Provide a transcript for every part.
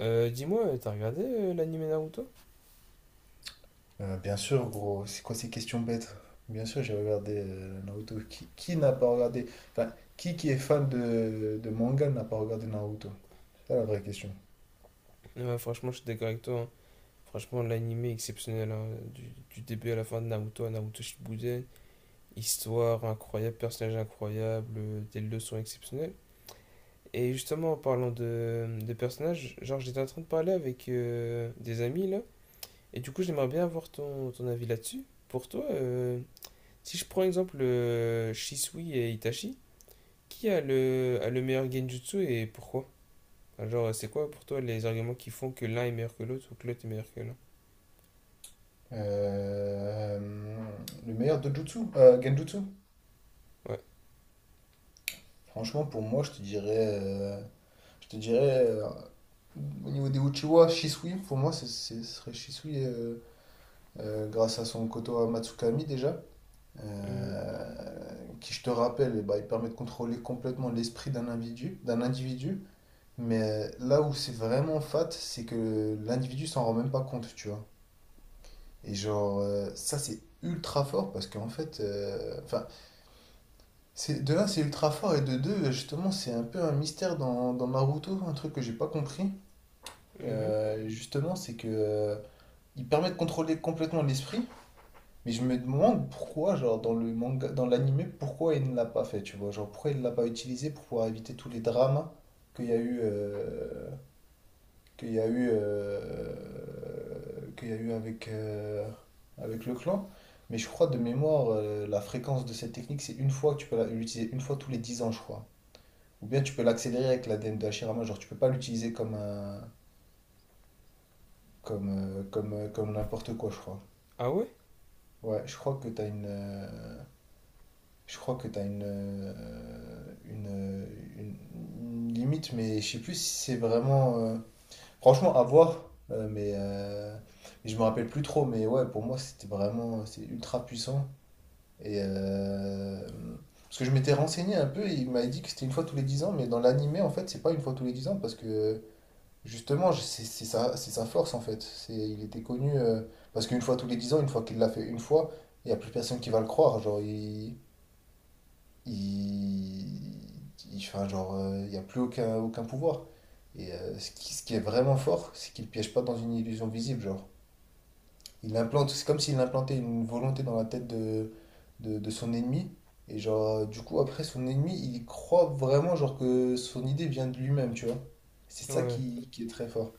Dis-moi, t'as regardé l'anime Naruto? Bien sûr, gros, c'est quoi ces questions bêtes? Bien sûr, j'ai regardé Naruto. Qui n'a pas regardé? Enfin, qui est fan de manga n'a pas regardé Naruto? C'est ça la vraie question. Ouais, franchement, je suis d'accord avec toi, hein. Franchement, l'anime est exceptionnel, hein. Du début à la fin de Naruto à Naruto Shippuden. Histoire incroyable, personnage incroyable, des leçons exceptionnelles. Et justement, en parlant de personnages, genre, j'étais en train de parler avec des amis là. Et du coup, j'aimerais bien avoir ton avis là-dessus. Pour toi, si je prends exemple Shisui et Itachi, qui a le meilleur Genjutsu et pourquoi? Alors, c'est quoi pour toi les arguments qui font que l'un est meilleur que l'autre ou que l'autre est meilleur que l'un. Euh, le meilleur Dojutsu, Genjutsu? Ouais. Franchement, pour moi, je te dirais au niveau des Uchiwa, Shisui. Pour moi, ce serait Shisui grâce à son Koto Matsukami déjà. Mhm. euh, qui, je te rappelle, eh ben, il permet de contrôler complètement l'esprit d'un individu. Mais là où c'est vraiment fat, c'est que l'individu s'en rend même pas compte, tu vois. Et genre, ça c'est ultra fort parce qu'en fait, enfin, c'est de là c'est ultra fort et de deux, justement, c'est un peu un mystère dans Naruto, un truc que j'ai pas compris. Mhm. Justement, c'est que il permet de contrôler complètement l'esprit. Mais je me demande pourquoi, genre, dans le manga, dans l'anime, pourquoi il ne l'a pas fait, tu vois. Genre, pourquoi il ne l'a pas utilisé pour pouvoir éviter tous les drames qu'il y a eu, euh, qu'il y a eu avec le clan. Mais je crois, de mémoire, la fréquence de cette technique, c'est une fois que tu peux l'utiliser, une fois tous les 10 ans, je crois. Ou bien tu peux l'accélérer avec la l'ADN de Hashirama, genre, tu peux pas l'utiliser comme n'importe quoi, je crois. Ah ouais. Ouais, je crois que tu as une- une limite, mais je sais plus si c'est vraiment. Franchement, à voir, mais je me rappelle plus trop. Mais ouais, pour moi, c'est ultra puissant. Et, euh, Parce que je m'étais renseigné un peu, et il m'avait dit que c'était une fois tous les 10 ans, mais dans l'animé, en fait, c'est pas une fois tous les 10 ans, parce que justement, c'est sa force, en fait. Il était connu, parce qu'une fois tous les 10 ans, une fois qu'il l'a fait une fois, il n'y a plus personne qui va le croire. Genre, il, enfin, genre, il n'y a plus aucun pouvoir. Et ce qui est vraiment fort, c'est qu'il ne piège pas dans une illusion visible, genre. Il implante, c'est comme s'il implantait une volonté dans la tête de son ennemi. Et genre, du coup, après, son ennemi, il croit vraiment, genre, que son idée vient de lui-même, tu vois. C'est ça Ouais. qui est très fort.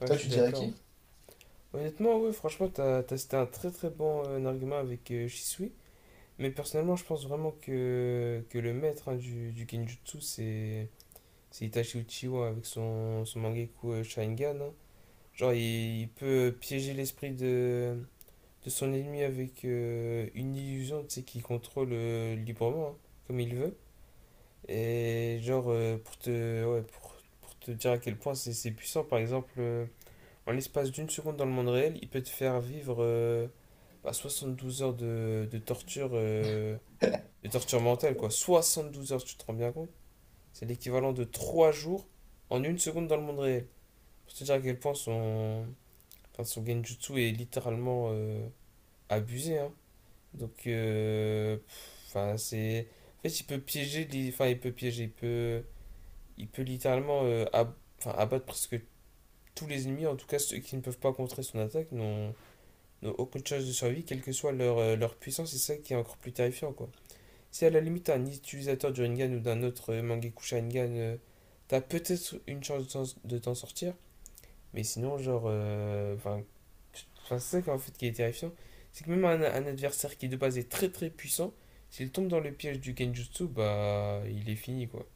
Ouais, Toi, je suis tu dirais d'accord. qui? Honnêtement, ouais, franchement, c'était un très très bon argument avec Shisui. Mais personnellement, je pense vraiment que le maître, hein, du Kenjutsu, c'est Itachi Uchiwa avec son Mangekyou Sharingan, hein. Genre, il peut piéger l'esprit de son ennemi avec une illusion, tu sais, qu'il contrôle librement, hein, comme il veut. Et genre, ouais, pour te dire à quel point c'est puissant, par exemple, en l'espace d'une seconde dans le monde réel, il peut te faire vivre bah, 72 heures de torture, de torture mentale, quoi. 72 heures, tu te rends bien compte? C'est l'équivalent de 3 jours en une seconde dans le monde réel. Pour te dire à quel point son, enfin, son genjutsu est littéralement abusé, hein. Donc, enfin, c'est. En fait, il peut piéger, enfin, il peut piéger, il peut littéralement enfin, abattre presque tous les ennemis, en tout cas ceux qui ne peuvent pas contrer son attaque n'ont aucune chance de survie, quelle que soit leur puissance, et c'est ça qui est encore plus terrifiant, quoi. Si à la limite un utilisateur du Rinnegan ou d'un autre Mangekyou Sharingan, t'as peut-être une chance de t'en sortir, mais sinon, genre, enfin, c'est ça qui, en fait qui est terrifiant, c'est que même un adversaire qui de base est très très puissant, s'il tombe dans le piège du Genjutsu, bah, il est fini, quoi.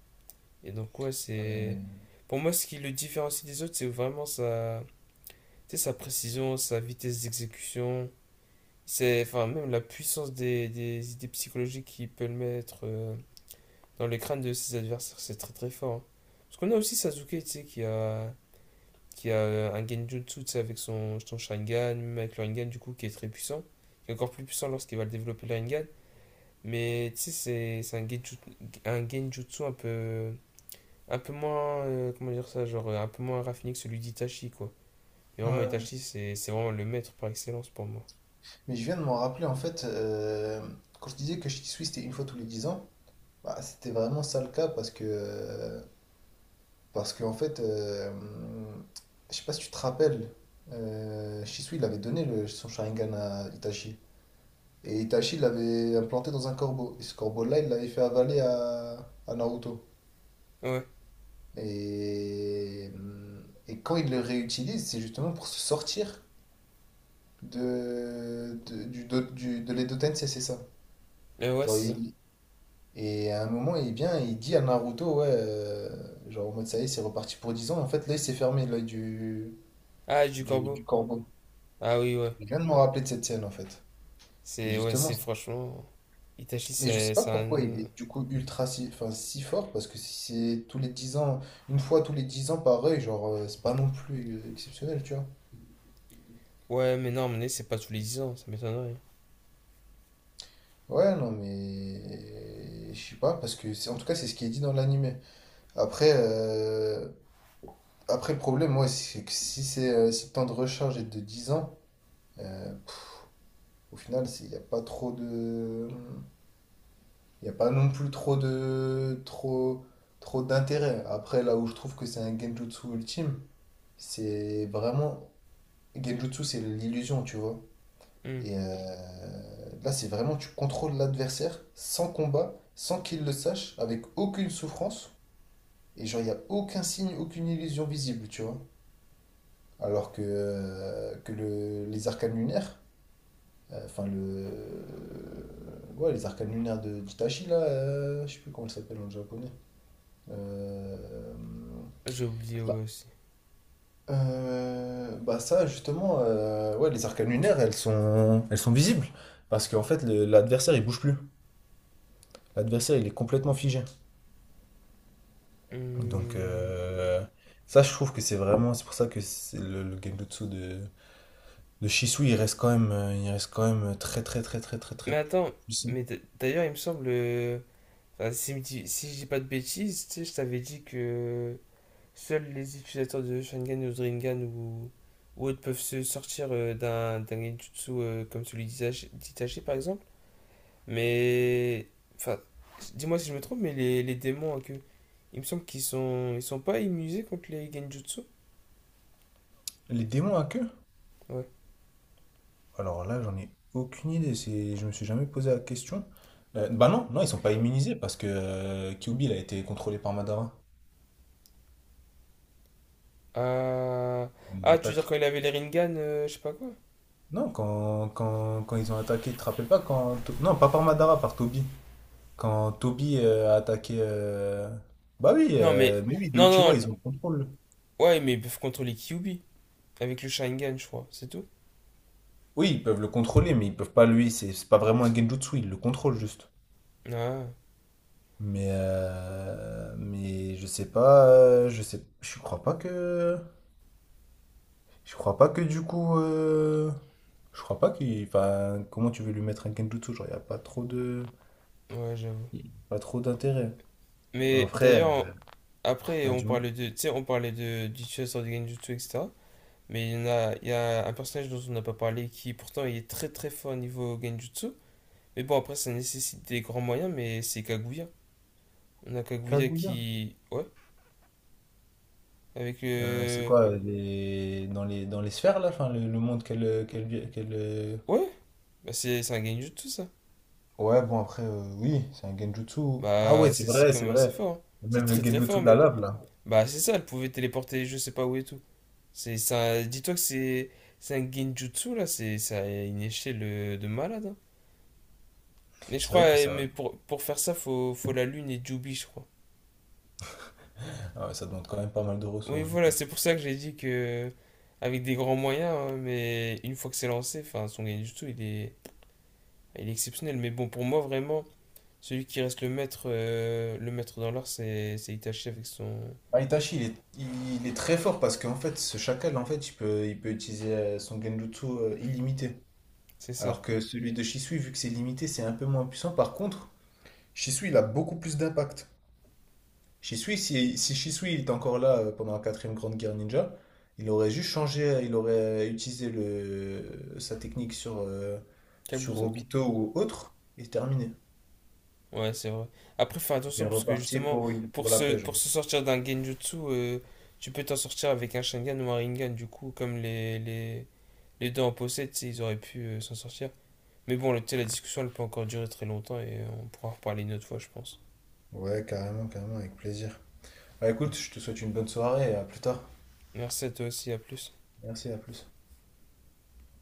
Et donc, ouais, c'est. Ouais. Pour moi, ce qui le différencie des autres, c'est vraiment sa, tu sais, sa précision, sa vitesse d'exécution. C'est, enfin, même la puissance des idées psychologiques qu'il peut le mettre dans les crânes de ses adversaires, c'est très très fort, hein. Parce qu'on a aussi Sasuke, tu sais, qui a un Genjutsu, tu sais, avec son Sharingan, même avec le Rinnegan, du coup, qui est très puissant. Qui est encore plus puissant lorsqu'il va le développer le Rinnegan. Mais, tu sais, c'est un Genjutsu un peu moins, comment dire ça, genre un peu moins raffiné que celui d'Itachi, quoi. Et Ouais, vraiment, ouais. Itachi, c'est vraiment le maître par excellence pour moi. Mais je viens de m'en rappeler, en fait, quand je disais que Shih Tzu, c'était une fois tous les 10 ans, bah, c'était vraiment ça le cas. Parce qu'en fait, je sais pas si tu te rappelles, Shisui, il avait donné son Sharingan à Itachi. Et Itachi l'avait implanté dans un corbeau. Et ce corbeau-là, il l'avait fait avaler à Naruto. Ouais. Et, et quand il le réutilise, c'est justement pour se sortir de, du, do- du- de l'Edo-Tensei, c'est ça. Ouais, Genre, c'est ça. Et à un moment, il vient et il dit à Naruto, ouais, genre en mode ça y est, c'est reparti pour 10 ans. En fait, l'œil s'est fermé, l'œil du, Ah, du du, corbeau. du corbeau. Ah oui, ouais. Je viens de me rappeler de cette scène en fait. Et C'est, ouais, justement, c'est franchement. Itachi, mais je sais c'est pas c'est pourquoi un. il est du coup ultra si, enfin, si fort parce que si c'est tous les 10 ans, une fois tous les 10 ans pareil, genre c'est pas non plus exceptionnel, tu vois. Ouais, mais non, mais c'est pas tous les 10 ans, ça m'étonnerait. Ouais, non mais je sais pas parce que c'est en tout cas c'est ce qui est dit dans l'animé. Après euh, Après le problème moi c'est que si c'est si le temps de recharge est de 10 ans euh, pff, au final, il n'y a pas non plus trop de trop trop d'intérêt. Après, là où je trouve que c'est un genjutsu ultime, c'est vraiment genjutsu, c'est l'illusion, tu vois. Hmm. Et là, c'est vraiment tu contrôles l'adversaire sans combat, sans qu'il le sache, avec aucune souffrance. Et genre, il n'y a aucun signe, aucune illusion visible, tu vois. Alors les arcanes lunaires, enfin ouais, les arcanes lunaires de d'Itachi, là, je sais plus comment ça s'appelle en japonais. Euh, J'ai oublié bah, ouais, aussi. Bah ça justement, ouais, les arcanes lunaires, elles sont visibles parce qu'en fait l'adversaire il bouge plus. L'adversaire il est complètement figé. Donc Hmm. Ça je trouve que c'est vraiment, c'est pour ça que c'est le Genjutsu de Shisui il reste quand même, il reste quand même très très très très très très Mais attends, puissant. mais d'ailleurs, il me semble. Enfin, si, si je dis pas de bêtises, tu sais, je t'avais dit que. Seuls les utilisateurs de Sharingan ou Rinnegan ou autres peuvent se sortir d'un genjutsu comme celui d'Itachi, par exemple. Mais. Enfin, dis-moi si je me trompe, mais les démons à queue, il me semble qu'ils sont pas immunisés contre les genjutsu. Les démons à queue? Ouais. Alors là j'en ai aucune idée, c'est, je me suis jamais posé la question. Bah non, non ils sont pas immunisés parce que Kyuubi il a été contrôlé par Madara. Ah, On ah, tu veux dire attaque. quand il avait les Rinnegan, je sais pas quoi. Non, quand ils ont attaqué, tu te rappelles pas quand. Non, pas par Madara, par Toby. Quand Toby a attaqué. Bah oui, Non, mais. Mais oui, les Non, Uchiwa, non, ils ont le contrôle. ouais, mais ils peuvent contrôler Kyuubi avec le Sharingan, je crois, c'est tout. Oui, ils peuvent le contrôler, mais ils peuvent pas lui. C'est pas vraiment un Genjutsu, ils le contrôlent juste. Ah, Mais je sais pas. Je sais. Je crois pas que. Je crois pas que du coup. euh, Je crois pas qu'il. Enfin, comment tu veux lui mettre un Genjutsu? Genre, y a pas trop de. ouais, j'avoue. Y a pas trop d'intérêt. Mais Après, d'ailleurs, après, il y a on du monde. parlait de, tu sais, on parlait de du chasseur de Genjutsu, etc. Mais il y a un personnage dont on n'a pas parlé qui pourtant il est très très fort au niveau Genjutsu. Mais bon, après, ça nécessite des grands moyens, mais c'est Kaguya. On a Kaguya Kaguya. qui, ouais, avec C'est quoi dans les sphères là, enfin, le monde qu'elle. ouais, bah c'est un Genjutsu ça. Ouais bon après oui c'est un genjutsu. Ah Bah ouais c'est c'est vrai quand c'est même assez vrai. fort, hein. C'est Même le très très genjutsu fort de la même. lave là. Bah c'est ça, elle pouvait téléporter je sais pas où et tout. C'est ça, dis-toi que c'est un Genjutsu là, c'est ça a une échelle de malade, hein. Mais je C'est vrai que crois, eh, ça mais pour faire ça, faut la lune et Jubi, je crois. Ah ouais, ça demande quand même pas mal de Oui, ressources du voilà, coup. c'est pour ça que j'ai dit que avec des grands moyens, hein, mais une fois que c'est lancé, enfin, son gain du tout, il est exceptionnel. Mais bon, pour moi, vraiment, celui qui reste le maître dans l'art, c'est Itachi avec son, Ah, Itachi il est très fort parce qu'en fait ce chacal en fait il peut utiliser son genjutsu illimité. c'est ça, Alors que celui de Shisui vu que c'est limité c'est un peu moins puissant. Par contre Shisui il a beaucoup plus d'impact. Shisui, si Shisui il était encore là pendant la quatrième grande guerre ninja, il aurait juste changé, il aurait utilisé sa technique sur Kabuto? Obito ou autre, et terminé. Ouais, c'est vrai. Après, fais Il est attention parce que reparti justement, pour pour la se, paix, genre. pour se sortir d'un Genjutsu, tu peux t'en sortir avec un Sharingan ou un Rinnegan. Du coup, comme les deux en possèdent, tu sais, ils auraient pu s'en sortir. Mais bon, la discussion, elle peut encore durer très longtemps et on pourra en reparler une autre fois, je pense. Ouais, carrément, carrément, avec plaisir. Bah écoute, je te souhaite une bonne soirée et à plus tard. Merci à toi aussi, à plus. Merci, à plus.